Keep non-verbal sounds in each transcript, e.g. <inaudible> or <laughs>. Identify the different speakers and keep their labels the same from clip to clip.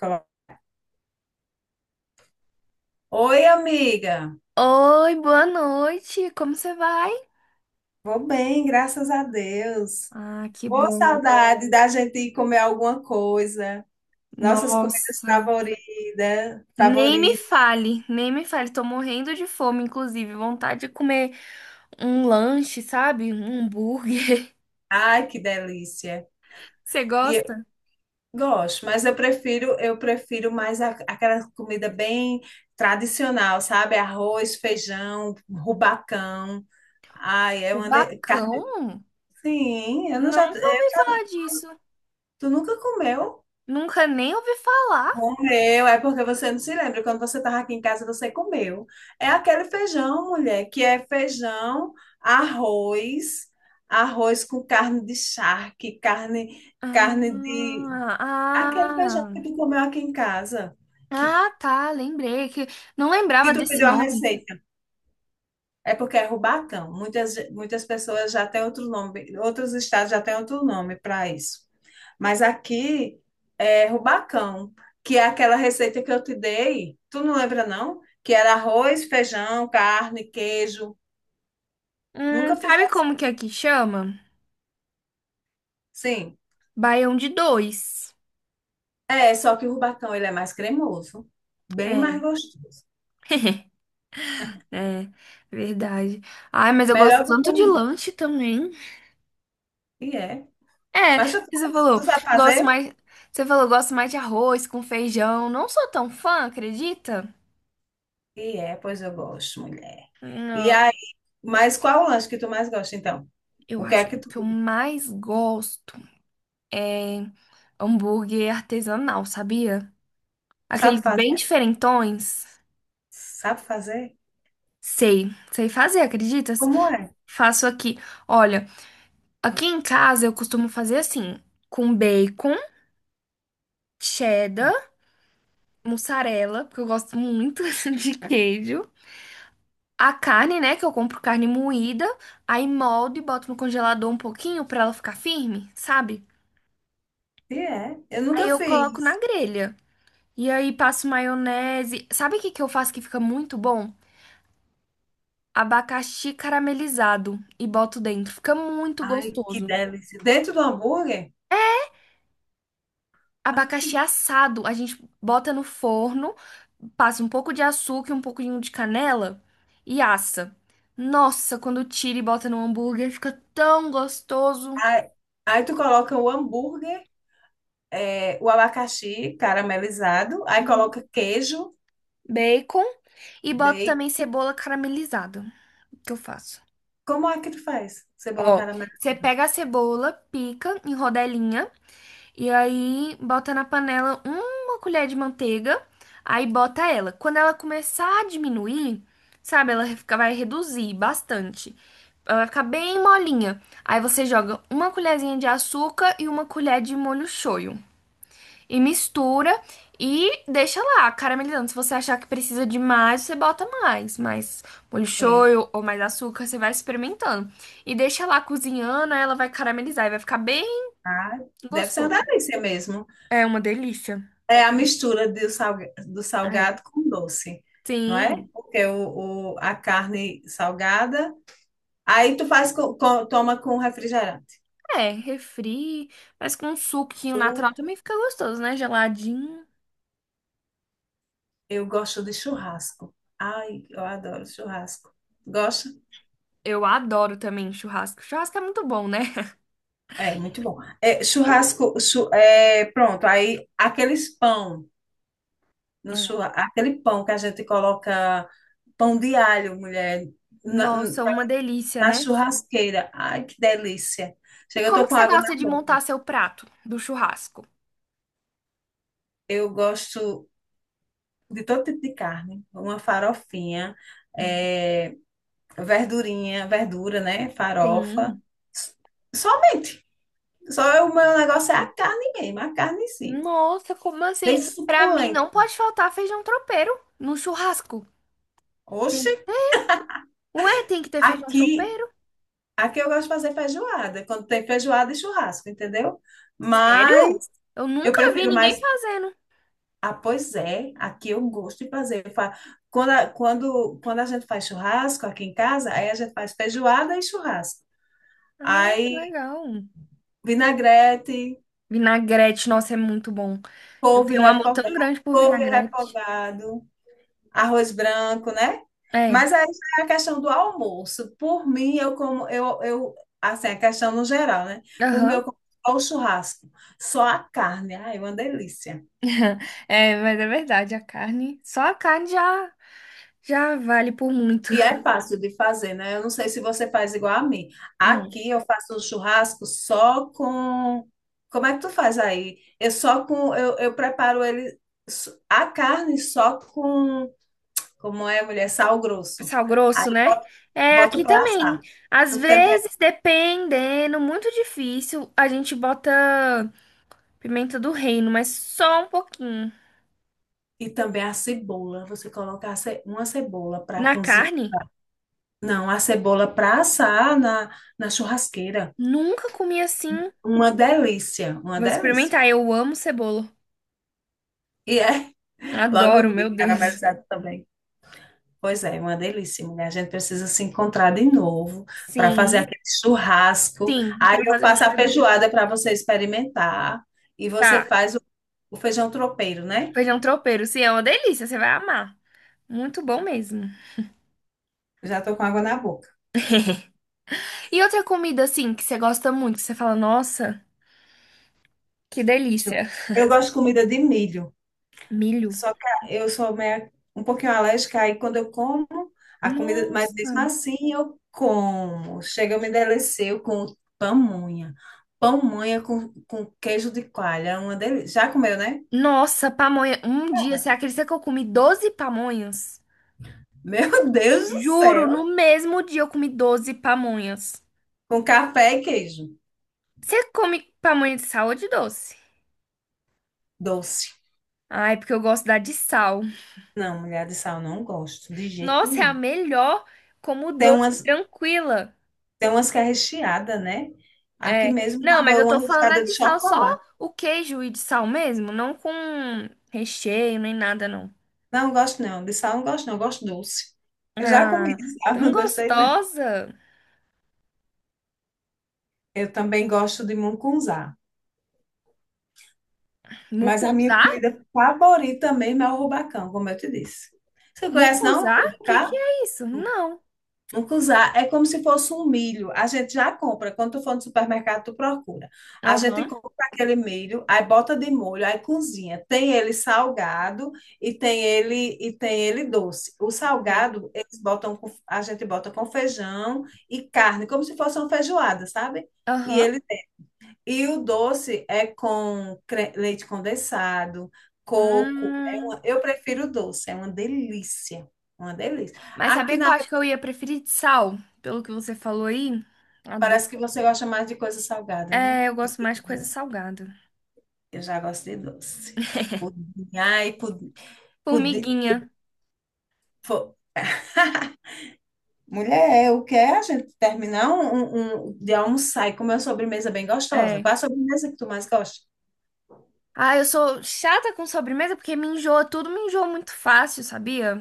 Speaker 1: Coloca- Oi, amiga.
Speaker 2: Oi, boa noite. Como você vai?
Speaker 1: Vou bem, graças a Deus.
Speaker 2: Ah, que
Speaker 1: Ô,
Speaker 2: bom.
Speaker 1: saudade da gente ir comer alguma coisa. Nossas comidas
Speaker 2: Nossa.
Speaker 1: favoritas,
Speaker 2: Nem me
Speaker 1: favoritas.
Speaker 2: fale, nem me fale. Tô morrendo de fome, inclusive. Vontade de comer um lanche, sabe? Um hambúrguer.
Speaker 1: Ai, que delícia.
Speaker 2: <laughs> Você
Speaker 1: E eu
Speaker 2: gosta?
Speaker 1: gosto, mas eu prefiro mais aquela comida bem tradicional, sabe? Arroz, feijão, rubacão. Ai, é
Speaker 2: O
Speaker 1: uma carne.
Speaker 2: bacão?
Speaker 1: Sim, eu não já, eu
Speaker 2: Nunca ouvi
Speaker 1: já-
Speaker 2: falar disso.
Speaker 1: tu nunca comeu?
Speaker 2: Nunca nem ouvi falar.
Speaker 1: Meu, é porque você não se lembra. Quando você estava aqui em casa, você comeu. É aquele feijão, mulher, que é feijão, arroz, arroz com carne de charque, carne de.
Speaker 2: Ah,
Speaker 1: Aquele feijão que
Speaker 2: ah,
Speaker 1: tu comeu aqui em casa, que,
Speaker 2: ah, tá. Lembrei que não lembrava
Speaker 1: que tu
Speaker 2: desse
Speaker 1: pediu a
Speaker 2: nome.
Speaker 1: receita. É porque é Rubatão. Muitas pessoas já têm outro nome, outros estados já têm outro nome para isso. Mas aqui é Rubacão, que é aquela receita que eu te dei. Tu não lembra, não? Que era arroz, feijão, carne, queijo. Nunca
Speaker 2: Sabe
Speaker 1: fizesse
Speaker 2: como que aqui chama?
Speaker 1: assim.
Speaker 2: Baião de dois.
Speaker 1: É, só que o Rubacão ele é mais cremoso, bem mais
Speaker 2: É.
Speaker 1: gostoso.
Speaker 2: <laughs> É, verdade. Ai, mas eu gosto
Speaker 1: Melhor do que
Speaker 2: tanto
Speaker 1: o.
Speaker 2: de
Speaker 1: Rubi.
Speaker 2: lanche também.
Speaker 1: E é.
Speaker 2: É,
Speaker 1: Mas
Speaker 2: você
Speaker 1: tu
Speaker 2: falou,
Speaker 1: sabe
Speaker 2: gosto
Speaker 1: fazer?
Speaker 2: mais. Você falou, gosto mais de arroz com feijão. Não sou tão fã, acredita?
Speaker 1: E é, pois eu gosto, mulher. E
Speaker 2: Não,
Speaker 1: Mas qual o lanche que tu mais gosta, então?
Speaker 2: eu
Speaker 1: O que é
Speaker 2: acho que
Speaker 1: que
Speaker 2: o
Speaker 1: tu
Speaker 2: que eu mais gosto é hambúrguer artesanal, sabia?
Speaker 1: sabe
Speaker 2: Aqueles bem
Speaker 1: fazer?
Speaker 2: diferentões.
Speaker 1: Sabe fazer?
Speaker 2: Sei, sei fazer, acreditas?
Speaker 1: Como é?
Speaker 2: Faço aqui. Olha, aqui em casa eu costumo fazer assim, com bacon, cheddar, mussarela, porque eu gosto muito <laughs> de queijo. A carne, né, que eu compro carne moída, aí moldo e boto no congelador um pouquinho pra ela ficar firme, sabe?
Speaker 1: Se é? Eu
Speaker 2: Aí
Speaker 1: nunca
Speaker 2: eu coloco na
Speaker 1: fiz.
Speaker 2: grelha. E aí passo maionese. Sabe o que que eu faço que fica muito bom? Abacaxi caramelizado e boto dentro. Fica muito
Speaker 1: Ai, que
Speaker 2: gostoso.
Speaker 1: delícia. Dentro do hambúrguer? Ah,
Speaker 2: Abacaxi assado, a gente bota no forno, passa um pouco de açúcar e um pouquinho de canela e assa. Nossa, quando tira e bota no hambúrguer, fica tão gostoso.
Speaker 1: Aí, aí tu coloca o hambúrguer, é, o abacaxi caramelizado, aí
Speaker 2: Uhum.
Speaker 1: coloca queijo,
Speaker 2: Bacon e boto
Speaker 1: bacon.
Speaker 2: também cebola caramelizada, que eu faço.
Speaker 1: Como é que tu faz? Cebola
Speaker 2: Ó, você
Speaker 1: caramelizada.
Speaker 2: pega a cebola, pica em rodelinha. E aí bota na panela uma colher de manteiga, aí bota ela. Quando ela começar a diminuir, sabe, ela fica- vai reduzir bastante. Ela vai ficar bem molinha. Aí você joga uma colherzinha de açúcar e uma colher de molho shoyu. E mistura e deixa lá caramelizando. Se você achar que precisa de mais, você bota mais. Mais molho
Speaker 1: É,
Speaker 2: shoyu ou mais açúcar, você vai experimentando. E deixa lá cozinhando, aí ela vai caramelizar e vai ficar bem
Speaker 1: ah, deve ser uma
Speaker 2: gostoso.
Speaker 1: delícia mesmo.
Speaker 2: É uma delícia.
Speaker 1: É a mistura do, do
Speaker 2: É.
Speaker 1: salgado com doce, não é?
Speaker 2: Sim.
Speaker 1: Porque a carne salgada. Aí tu faz toma com refrigerante.
Speaker 2: É, refri, mas com um suquinho natural
Speaker 1: Suco.
Speaker 2: também fica gostoso, né? Geladinho.
Speaker 1: Eu gosto de churrasco. Ai, eu adoro churrasco. Gosta?
Speaker 2: Eu adoro também churrasco. Churrasco é muito bom, né?
Speaker 1: É, muito bom. É, é, pronto. Aí aqueles pão no
Speaker 2: Hum. <laughs>
Speaker 1: churrasco, aquele pão que a gente coloca pão de alho, mulher, na,
Speaker 2: Nossa, uma delícia,
Speaker 1: na
Speaker 2: né?
Speaker 1: churrasqueira. Ai, que delícia.
Speaker 2: E
Speaker 1: Chega, eu tô
Speaker 2: como que
Speaker 1: com
Speaker 2: você
Speaker 1: água na
Speaker 2: gosta de montar
Speaker 1: boca.
Speaker 2: seu prato do churrasco?
Speaker 1: Eu gosto de todo tipo de carne. Uma farofinha.
Speaker 2: Hum.
Speaker 1: é, verdurinha, verdura, né? Farofa.
Speaker 2: Sim.
Speaker 1: Somente. Só o meu negócio é a carne mesmo, a carne em si.
Speaker 2: Nossa, como
Speaker 1: Bem
Speaker 2: assim? Pra mim
Speaker 1: suculenta.
Speaker 2: não pode faltar feijão tropeiro no churrasco. Tem
Speaker 1: Oxe,
Speaker 2: que ter. Ué, tem que ter feijão
Speaker 1: aqui,
Speaker 2: tropeiro?
Speaker 1: aqui eu gosto de fazer feijoada, quando tem feijoada e churrasco, entendeu?
Speaker 2: Sério?
Speaker 1: Mas
Speaker 2: Eu
Speaker 1: eu
Speaker 2: nunca vi
Speaker 1: prefiro
Speaker 2: ninguém
Speaker 1: mais.
Speaker 2: fazendo.
Speaker 1: Ah, pois é, aqui eu gosto de fazer. Quando quando a gente faz churrasco aqui em casa, aí a gente faz feijoada e churrasco.
Speaker 2: Ah, que
Speaker 1: Aí
Speaker 2: legal.
Speaker 1: vinagrete,
Speaker 2: Vinagrete, nossa, é muito bom. Eu
Speaker 1: couve
Speaker 2: tenho um amor tão
Speaker 1: refogado,
Speaker 2: grande por
Speaker 1: couve
Speaker 2: vinagrete.
Speaker 1: refogado. Arroz branco, né?
Speaker 2: É,
Speaker 1: Mas aí já é a questão do almoço. Por mim, eu como, eu, assim, a questão no geral, né? Por mim, eu
Speaker 2: aham.
Speaker 1: como só o churrasco, só a carne. Ai, é uma delícia.
Speaker 2: <laughs> É, mas é verdade, a carne, só a carne já vale por muito.
Speaker 1: E é fácil de fazer, né? Eu não sei se você faz igual a mim.
Speaker 2: Hum,
Speaker 1: Aqui eu faço o churrasco só com. Como é que tu faz aí? Eu só com. Eu preparo ele. A carne só com. Como é, mulher? Sal grosso.
Speaker 2: Sal
Speaker 1: Aí
Speaker 2: grosso, né?
Speaker 1: boto,
Speaker 2: É,
Speaker 1: boto
Speaker 2: aqui
Speaker 1: para
Speaker 2: também.
Speaker 1: assar.
Speaker 2: Às
Speaker 1: Não tem
Speaker 2: vezes, dependendo, muito difícil, a gente bota pimenta do reino, mas só um pouquinho.
Speaker 1: E também a cebola. Você coloca a uma cebola para
Speaker 2: Na
Speaker 1: cozinhar.
Speaker 2: carne,
Speaker 1: Não, a cebola para assar na churrasqueira.
Speaker 2: nunca comi assim.
Speaker 1: Uma delícia, uma
Speaker 2: Vou
Speaker 1: delícia.
Speaker 2: experimentar, eu amo cebola.
Speaker 1: E é <laughs> logo
Speaker 2: Adoro, meu
Speaker 1: vi
Speaker 2: Deus.
Speaker 1: caramelizado também. Pois é, uma delícia, mulher. A gente precisa se encontrar de novo para fazer
Speaker 2: Sim.
Speaker 1: aquele churrasco.
Speaker 2: Sim,
Speaker 1: Aí
Speaker 2: pra
Speaker 1: eu
Speaker 2: fazer um
Speaker 1: faço a
Speaker 2: churrasco.
Speaker 1: feijoada para você experimentar. E você
Speaker 2: Tá.
Speaker 1: faz o feijão tropeiro, né?
Speaker 2: Feijão tropeiro, sim, é uma delícia, você vai amar. Muito bom mesmo.
Speaker 1: Já estou com água na boca.
Speaker 2: E outra comida, assim, que você gosta muito, que você fala, nossa, que
Speaker 1: Deixa
Speaker 2: delícia.
Speaker 1: Eu gosto de comida de milho.
Speaker 2: Milho.
Speaker 1: Só que eu sou meio, um pouquinho alérgica, aí quando eu como a comida, mas
Speaker 2: Nossa.
Speaker 1: mesmo assim eu como. Chega, eu me deleceu com pamonha. Pamonha com queijo de coalha, é uma delícia. Já comeu, né?
Speaker 2: Nossa, pamonha. Um dia, você acredita que eu comi 12 pamonhas?
Speaker 1: <laughs> Meu Deus do
Speaker 2: Juro,
Speaker 1: céu!
Speaker 2: no mesmo dia eu comi 12 pamonhas.
Speaker 1: Com café e queijo.
Speaker 2: Você come pamonha de sal ou de doce?
Speaker 1: Doce.
Speaker 2: Ai, porque eu gosto da de sal.
Speaker 1: Não, mulher, de sal, não gosto, de jeito
Speaker 2: Nossa, é a
Speaker 1: nenhum.
Speaker 2: melhor como
Speaker 1: Tem
Speaker 2: doce
Speaker 1: umas,
Speaker 2: tranquila.
Speaker 1: tem umas que é recheada, né? Aqui
Speaker 2: É.
Speaker 1: mesmo
Speaker 2: Não, mas
Speaker 1: tava
Speaker 2: eu tô
Speaker 1: uma
Speaker 2: falando a
Speaker 1: recheada de
Speaker 2: de sal, só
Speaker 1: chocolate.
Speaker 2: o queijo e de sal mesmo, não com recheio nem nada, não.
Speaker 1: Não, gosto não, de sal não gosto não, gosto doce. Eu já comi
Speaker 2: Ah,
Speaker 1: de sal, <laughs>
Speaker 2: tão
Speaker 1: não gostei, né?
Speaker 2: gostosa.
Speaker 1: Eu também gosto de mungunzá, mas a minha
Speaker 2: Mucuzá?
Speaker 1: comida favorita mesmo é o rubacão, como eu te disse. Você conhece, não? O
Speaker 2: Mucuzá? O que
Speaker 1: Rubacá?
Speaker 2: que é isso? Não.
Speaker 1: Mungunzá é como se fosse um milho. A gente já compra. Quando tu for no supermercado, tu procura. A gente
Speaker 2: Aham,
Speaker 1: compra aquele milho, aí bota de molho, aí cozinha. Tem ele salgado e tem ele doce. O
Speaker 2: sei.
Speaker 1: salgado, a gente bota com feijão e carne, como se fosse uma feijoada, sabe? E
Speaker 2: Aham.
Speaker 1: ele E o doce é com leite condensado, coco. É
Speaker 2: Hum,
Speaker 1: uma- eu prefiro doce, é uma delícia. Uma delícia.
Speaker 2: mas
Speaker 1: Aqui
Speaker 2: sabia que eu
Speaker 1: na
Speaker 2: acho que eu ia preferir de sal, pelo que você falou aí? Adoro.
Speaker 1: parece que você gosta mais de coisa salgada, né?
Speaker 2: É, eu
Speaker 1: Que
Speaker 2: gosto
Speaker 1: de
Speaker 2: mais de coisa
Speaker 1: doce.
Speaker 2: salgada.
Speaker 1: Eu já gosto de doce. Pudim, ai, pudim, pudim.
Speaker 2: Formiguinha.
Speaker 1: Pô. <laughs> Mulher, eu quero a gente terminar de almoçar e comer uma sobremesa bem gostosa.
Speaker 2: É.
Speaker 1: Qual a sobremesa que tu mais gosta?
Speaker 2: Ah, eu sou chata com sobremesa porque me enjoa tudo, me enjoa muito fácil, sabia?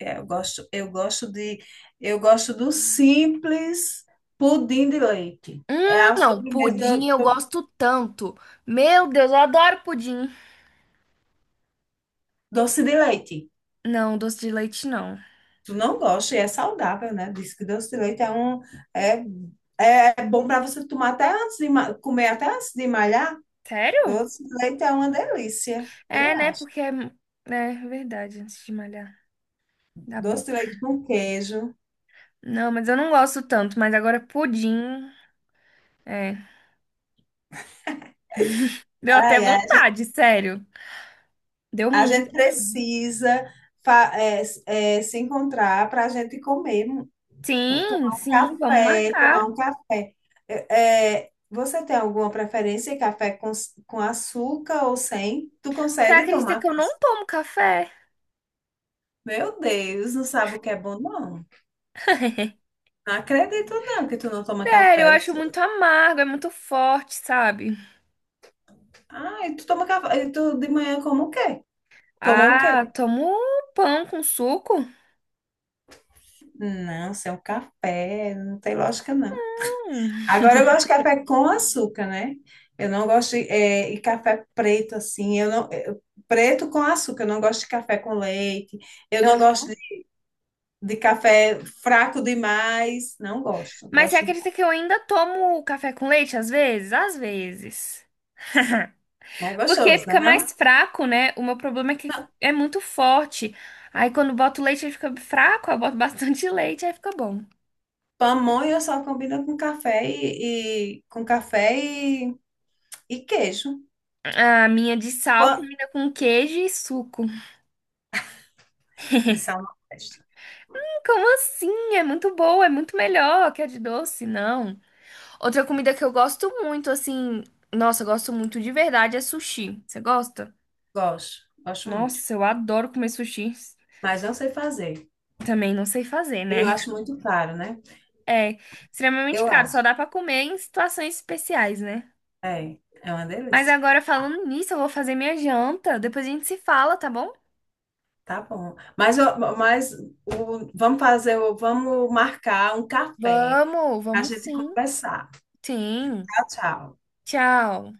Speaker 1: Eu gosto, eu gosto do simples pudim de leite. É
Speaker 2: Hum,
Speaker 1: a
Speaker 2: não,
Speaker 1: sobremesa
Speaker 2: pudim eu gosto tanto. Meu Deus, eu adoro pudim.
Speaker 1: doce de leite.
Speaker 2: Não, doce de leite não.
Speaker 1: Tu não gosta e é saudável, né? Diz que doce de leite é, é bom para você tomar até antes de comer até antes de malhar.
Speaker 2: Sério?
Speaker 1: Doce de leite é uma delícia,
Speaker 2: É,
Speaker 1: eu
Speaker 2: né?
Speaker 1: acho.
Speaker 2: Porque é, né, é verdade, antes de malhar. Dá bom.
Speaker 1: Doce de leite com queijo.
Speaker 2: Não, mas eu não gosto tanto, mas agora pudim. É. Deu até
Speaker 1: Ai, ai.
Speaker 2: vontade, sério. Deu
Speaker 1: A
Speaker 2: muito.
Speaker 1: gente precisa fa- é, é, se encontrar para a gente comer.
Speaker 2: Sim,
Speaker 1: Tomar um
Speaker 2: sim, vamos
Speaker 1: café, tomar
Speaker 2: marcar.
Speaker 1: um café. Você tem alguma preferência em café com açúcar ou sem? Tu
Speaker 2: Você
Speaker 1: consegue
Speaker 2: acredita
Speaker 1: tomar?
Speaker 2: que eu não tomo café?
Speaker 1: Meu Deus, não sabe o que é bom, não.
Speaker 2: <laughs>
Speaker 1: Não acredito, não, que tu não toma
Speaker 2: Sério, eu
Speaker 1: café. Eu
Speaker 2: acho
Speaker 1: sou-
Speaker 2: muito amargo, é muito forte, sabe?
Speaker 1: Ah, e tu toma café. E tu de manhã como o quê? Toma o quê?
Speaker 2: Ah, tomo pão com suco.
Speaker 1: Não, sem o café, não tem lógica, não.
Speaker 2: Hum.
Speaker 1: Agora eu gosto de café com açúcar, né? Eu não gosto de, é, e café preto assim. Eu não eu- preto com açúcar. Eu não gosto de café com leite. Eu não gosto de café fraco demais. Não gosto.
Speaker 2: Mas você
Speaker 1: Gosto de
Speaker 2: acredita que eu ainda tomo café com leite às vezes? Às vezes.
Speaker 1: mais
Speaker 2: Porque
Speaker 1: gostoso, né?
Speaker 2: fica mais
Speaker 1: Não?
Speaker 2: fraco, né? O meu problema é que é muito forte. Aí quando boto leite ele fica fraco, aí eu boto bastante <laughs> leite, aí fica bom.
Speaker 1: Pamonha só combina com café com café e queijo.
Speaker 2: A minha de sal
Speaker 1: Pã-
Speaker 2: combina com queijo e suco.
Speaker 1: De sal na festa.
Speaker 2: Como assim? É muito boa, é muito melhor que a de doce, não. Outra comida que eu gosto muito, assim, nossa, eu gosto muito de verdade é sushi. Você gosta?
Speaker 1: Gosto. Gosto muito.
Speaker 2: Nossa, eu adoro comer sushi.
Speaker 1: Mas não sei fazer.
Speaker 2: Também não sei fazer,
Speaker 1: E
Speaker 2: né?
Speaker 1: eu acho muito caro, né?
Speaker 2: É, extremamente
Speaker 1: Eu
Speaker 2: caro, só
Speaker 1: acho.
Speaker 2: dá pra comer em situações especiais, né?
Speaker 1: É, é uma
Speaker 2: Mas
Speaker 1: delícia.
Speaker 2: agora falando nisso, eu vou fazer minha janta, depois a gente se fala, tá bom?
Speaker 1: Tá bom. Mas, ó, mas vamos fazer, vamos marcar um café
Speaker 2: Vamos,
Speaker 1: para a
Speaker 2: vamos
Speaker 1: gente
Speaker 2: sim.
Speaker 1: conversar.
Speaker 2: Sim.
Speaker 1: Tchau, tchau.
Speaker 2: Tchau.